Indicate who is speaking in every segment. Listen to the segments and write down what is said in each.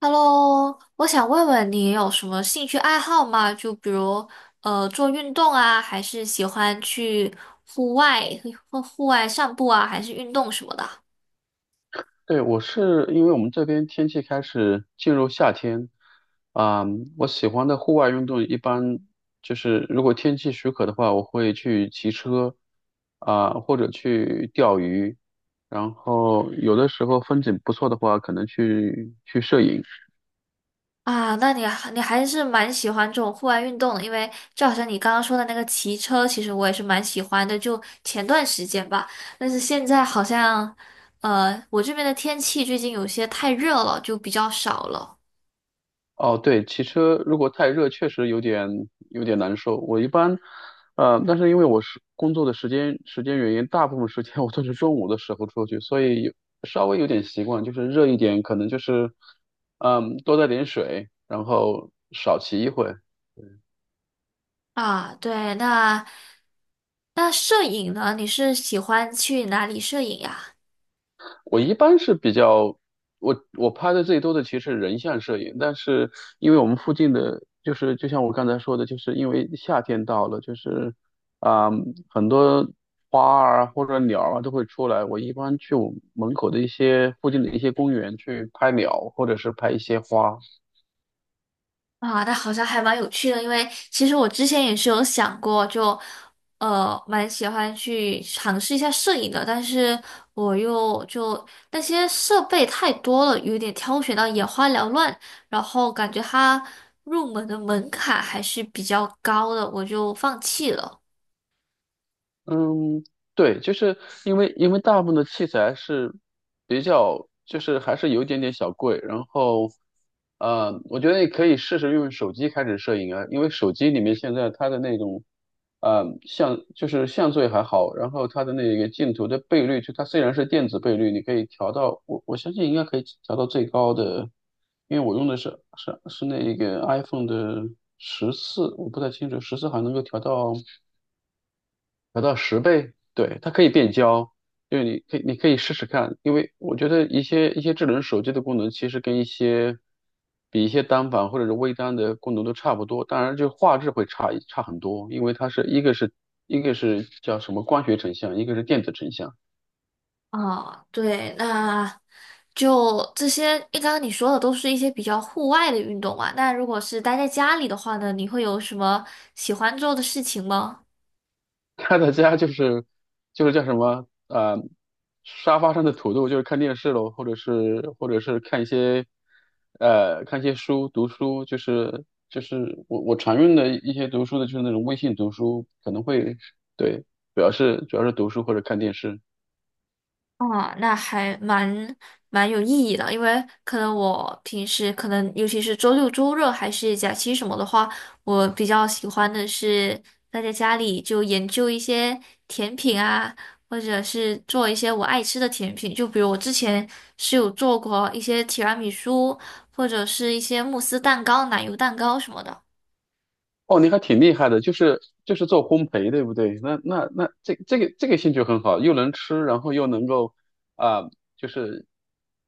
Speaker 1: Hello，我想问问你有什么兴趣爱好吗？就比如做运动啊，还是喜欢去户外户外散步啊，还是运动什么的？
Speaker 2: 对，我是因为我们这边天气开始进入夏天，啊、我喜欢的户外运动一般就是如果天气许可的话，我会去骑车，或者去钓鱼，然后有的时候风景不错的话，可能去摄影。
Speaker 1: 啊？那你还你还是蛮喜欢这种户外运动的，因为就好像你刚刚说的那个骑车，其实我也是蛮喜欢的，就前段时间吧。但是现在好像我这边的天气最近有些太热了，就比较少了。
Speaker 2: 哦，对，骑车如果太热，确实有点难受。我一般，但是因为我是工作的时间原因，大部分时间 我都是中午的时候出去，所以有稍微有点习惯，就是热一点，可能就是，嗯，多带点水，然后少骑一会，
Speaker 1: 啊，对，那摄影呢？你是喜欢去哪里摄影呀？
Speaker 2: 我一般是比较，我拍的最多的其实是人像摄影，但是因为我们附近的，就是就像我刚才说的，就是因为夏天到了，就是啊、很多花儿啊或者鸟儿啊都会出来。我一般去我门口的一些附近的一些公园去拍鸟，或者是拍一些花。
Speaker 1: 啊，那好像还蛮有趣的，因为其实我之前也是有想过就，蛮喜欢去尝试一下摄影的，但是我又就那些设备太多了，有点挑选到眼花缭乱，然后感觉它入门的门槛还是比较高的，我就放弃了。
Speaker 2: 嗯，对，就是因为大部分的器材是比较，就是还是有一点点小贵，然后，我觉得你可以试试用手机开始摄影啊，因为手机里面现在它的那种，像就是像素也还好，然后它的那个镜头的倍率，就它虽然是电子倍率，你可以调到，我相信应该可以调到最高的，因为我用的是那个 iPhone 的14，我不太清楚十四还能够调到。调到10倍，对，它可以变焦，就是你可以试试看，因为我觉得一些智能手机的功能其实跟一些单反或者是微单的功能都差不多，当然就画质会差很多，因为它是一个是叫什么光学成像，一个是电子成像，
Speaker 1: 啊，对，那就这些。刚刚你说的都是一些比较户外的运动啊，那如果是待在家里的话呢，你会有什么喜欢做的事情吗？
Speaker 2: 他的家就是就是叫什么沙发上的土豆，就是看电视喽，或者是看一些看一些书，读书，就是就是我常用的一些读书的就是那种微信读书，可能会对，主要是读书或者看电视。
Speaker 1: 啊，那还蛮有意义的，因为可能我平时可能尤其是周六周日还是假期什么的话，我比较喜欢的是待在家里就研究一些甜品啊，或者是做一些我爱吃的甜品，就比如我之前是有做过一些提拉米苏，或者是一些慕斯蛋糕、奶油蛋糕什么的。
Speaker 2: 哦，你还挺厉害的，就是做烘焙，对不对？那这个兴趣很好，又能吃，然后又能够啊、就是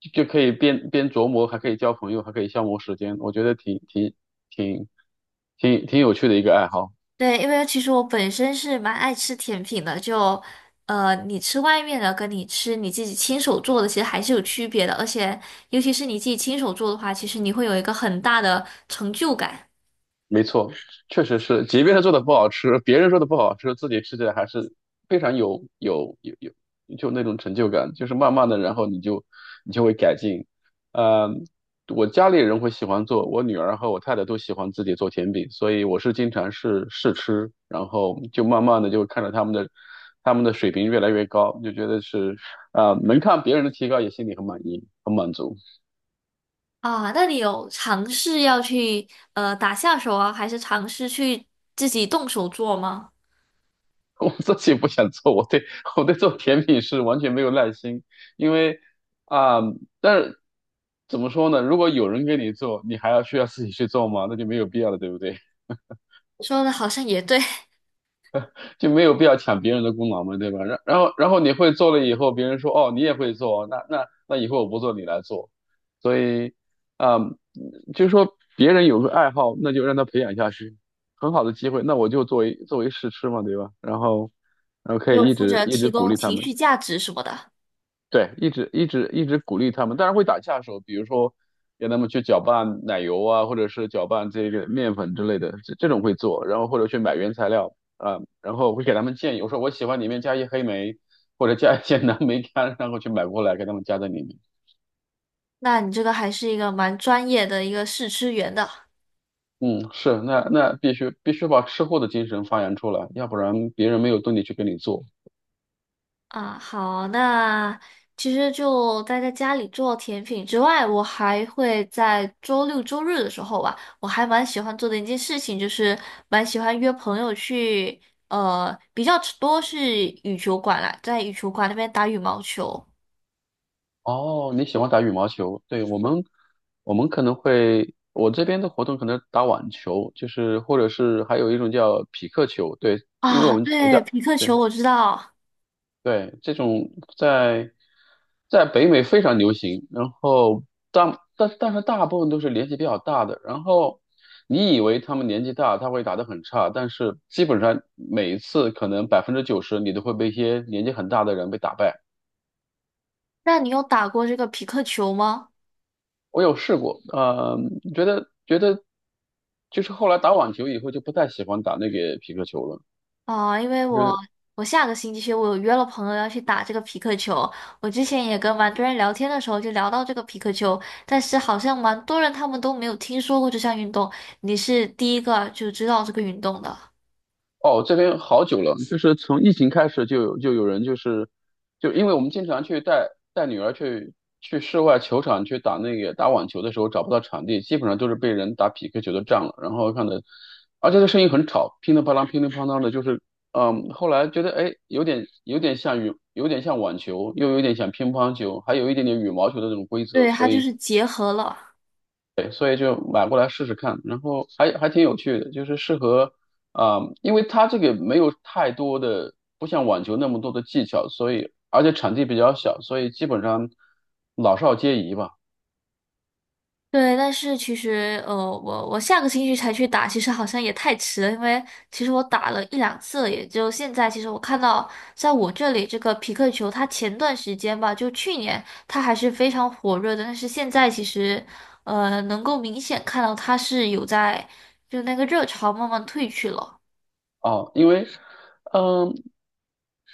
Speaker 2: 就可以边琢磨，还可以交朋友，还可以消磨时间，我觉得挺挺有趣的一个爱好。
Speaker 1: 对，因为其实我本身是蛮爱吃甜品的，就你吃外面的跟你吃你自己亲手做的，其实还是有区别的，而且尤其是你自己亲手做的话，其实你会有一个很大的成就感
Speaker 2: 没错，确实是，即便他做的不好吃，别人说的不好吃，自己吃起来还是非常有，就那种成就感，就是慢慢的，然后你就会改进。呃，我家里人会喜欢做，我女儿和我太太都喜欢自己做甜品，所以我是经常试试吃，然后就慢慢的就看着他们的水平越来越高，就觉得是能看别人的提高，也心里很满意，很满足。
Speaker 1: 啊。那你有尝试要去打下手啊，还是尝试去自己动手做吗？
Speaker 2: 我自己不想做，我对做甜品是完全没有耐心，因为啊、但是怎么说呢？如果有人给你做，你还要需要自己去做吗？那就没有必要了，对不对？
Speaker 1: 说的好像也对，
Speaker 2: 就没有必要抢别人的功劳嘛，对吧？然后你会做了以后，别人说哦你也会做，那以后我不做你来做，所以啊、就是说别人有个爱好，那就让他培养下去，很好的机会，那我就作为试吃嘛，对吧？然后然后可
Speaker 1: 就
Speaker 2: 以一
Speaker 1: 负
Speaker 2: 直
Speaker 1: 责
Speaker 2: 一
Speaker 1: 提
Speaker 2: 直鼓
Speaker 1: 供
Speaker 2: 励他
Speaker 1: 情
Speaker 2: 们。
Speaker 1: 绪价值什么的，
Speaker 2: 对，一直鼓励他们，当然会打下手，比如说让他们去搅拌奶油啊，或者是搅拌这个面粉之类的，这种会做，然后或者去买原材料啊，然后会给他们建议，我说我喜欢里面加一黑莓或者加一些蓝莓干，然后去买过来给他们加在里面。
Speaker 1: 那你这个还是一个蛮专业的一个试吃员的。
Speaker 2: 嗯，是，那那必须把吃货的精神发扬出来，要不然别人没有动力去给你做。
Speaker 1: 啊，好，那其实就待在家里做甜品之外，我还会在周六周日的时候吧，我还蛮喜欢做的一件事情，就是蛮喜欢约朋友去，比较多是羽球馆啦，在羽球馆那边打羽毛球。
Speaker 2: 哦，你喜欢打羽毛球？对，我们，我们可能会，我这边的活动可能打网球，就是或者是还有一种叫匹克球，对，因为我
Speaker 1: 啊，
Speaker 2: 们我家，
Speaker 1: 对，匹克
Speaker 2: 对
Speaker 1: 球我知道，
Speaker 2: 对，这种在在北美非常流行，然后但是大部分都是年纪比较大的，然后你以为他们年纪大，他会打得很差，但是基本上每一次可能90%你都会被一些年纪很大的人被打败。
Speaker 1: 那你有打过这个匹克球吗？
Speaker 2: 我有试过，呃，觉得就是后来打网球以后就不太喜欢打那个皮克球了，
Speaker 1: 哦，因为
Speaker 2: 觉得。
Speaker 1: 我下个星期我有约了朋友要去打这个皮克球，我之前也跟蛮多人聊天的时候就聊到这个皮克球，但是好像蛮多人他们都没有听说过这项运动，你是第一个就知道这个运动的。
Speaker 2: 哦，这边好久了，就是从疫情开始就有人就是，就因为我们经常去带女儿去去室外球场去打那个打网球的时候找不到场地，基本上都是被人打匹克球都占了，然后看的，而且这声音很吵，乒铃乓啷乒铃乓啷的，就是嗯，后来觉得哎有点像网球，又有点像乒乓球，还有一点点羽毛球的这种规则，
Speaker 1: 对，
Speaker 2: 所
Speaker 1: 它就
Speaker 2: 以
Speaker 1: 是结合了。
Speaker 2: 对，所以就买过来试试看，然后还挺有趣的，就是适合因为它这个没有太多的，不像网球那么多的技巧，所以而且场地比较小，所以基本上老少皆宜吧。
Speaker 1: 对，但是其实，我下个星期才去打，其实好像也太迟了，因为其实我打了一两次了，也就现在。其实我看到，在我这里这个匹克球，它前段时间吧，就去年它还是非常火热的，但是现在其实，能够明显看到它是有在，就那个热潮慢慢退去了。
Speaker 2: 哦，因为，嗯，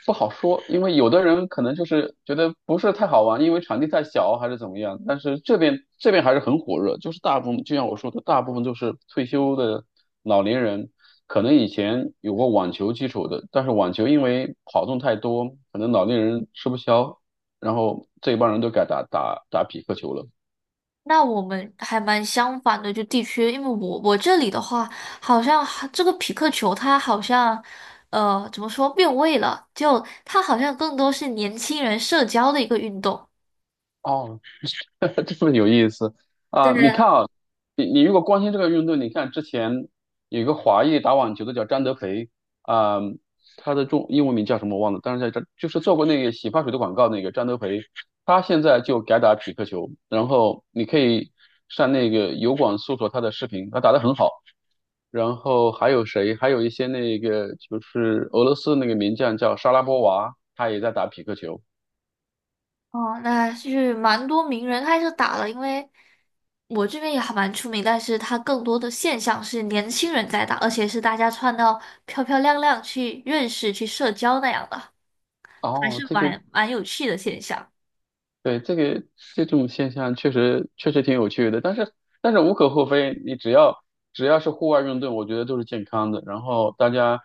Speaker 2: 不好说，因为有的人可能就是觉得不是太好玩，因为场地太小还是怎么样。但是这边还是很火热，就是大部分就像我说的，大部分都是退休的老年人，可能以前有过网球基础的，但是网球因为跑动太多，可能老年人吃不消，然后这一帮人都改打匹克球了。
Speaker 1: 那我们还蛮相反的，就地区，因为我这里的话，好像还这个匹克球它好像，怎么说变味了？就它好像更多是年轻人社交的一个运动。
Speaker 2: 哦，这么有意思
Speaker 1: 对，
Speaker 2: 啊！你看啊，你如果关心这个运动，你看之前有一个华裔打网球的叫张德培啊、他的中英文名叫什么我忘了，但是在这就是做过那个洗发水的广告那个张德培，他现在就改打匹克球，然后你可以上那个油管搜索他的视频，他打得很好。然后还有谁？还有一些那个就是俄罗斯那个名将叫莎拉波娃，他也在打匹克球。
Speaker 1: 哦，那是蛮多名人开始打了，因为我这边也还蛮出名，但是它更多的现象是年轻人在打，而且是大家穿到漂漂亮亮去认识、去社交那样的，还
Speaker 2: 哦，
Speaker 1: 是
Speaker 2: 这个
Speaker 1: 蛮有趣的现象。
Speaker 2: 对，这个这种现象确实挺有趣的，但是但是无可厚非，你只要是户外运动，我觉得都是健康的。然后大家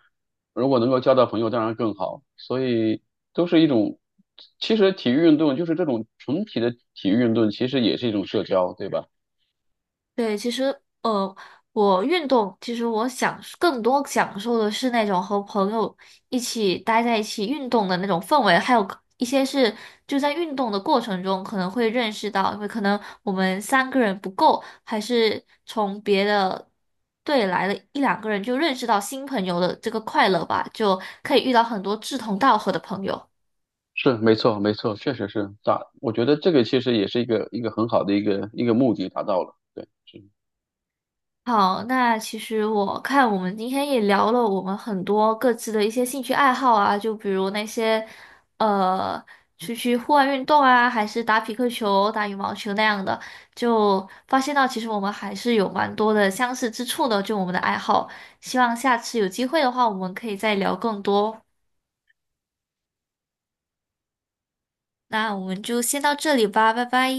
Speaker 2: 如果能够交到朋友，当然更好。所以都是一种，其实体育运动就是这种纯体的体育运动，其实也是一种社交，对吧？
Speaker 1: 对，其实我运动，其实我更多享受的是那种和朋友一起待在一起运动的那种氛围，还有一些是就在运动的过程中可能会认识到，因为可能我们三个人不够，还是从别的队来了一两个人就认识到新朋友的这个快乐吧，就可以遇到很多志同道合的朋友。
Speaker 2: 是，没错，没错，确实是达，我觉得这个其实也是一个很好的一个目的达到了，对。是
Speaker 1: 好，那其实我看我们今天也聊了我们很多各自的一些兴趣爱好啊，就比如那些呃出去户外运动啊，还是打匹克球、打羽毛球那样的，就发现到其实我们还是有蛮多的相似之处的，就我们的爱好。希望下次有机会的话，我们可以再聊更多。那我们就先到这里吧，拜拜。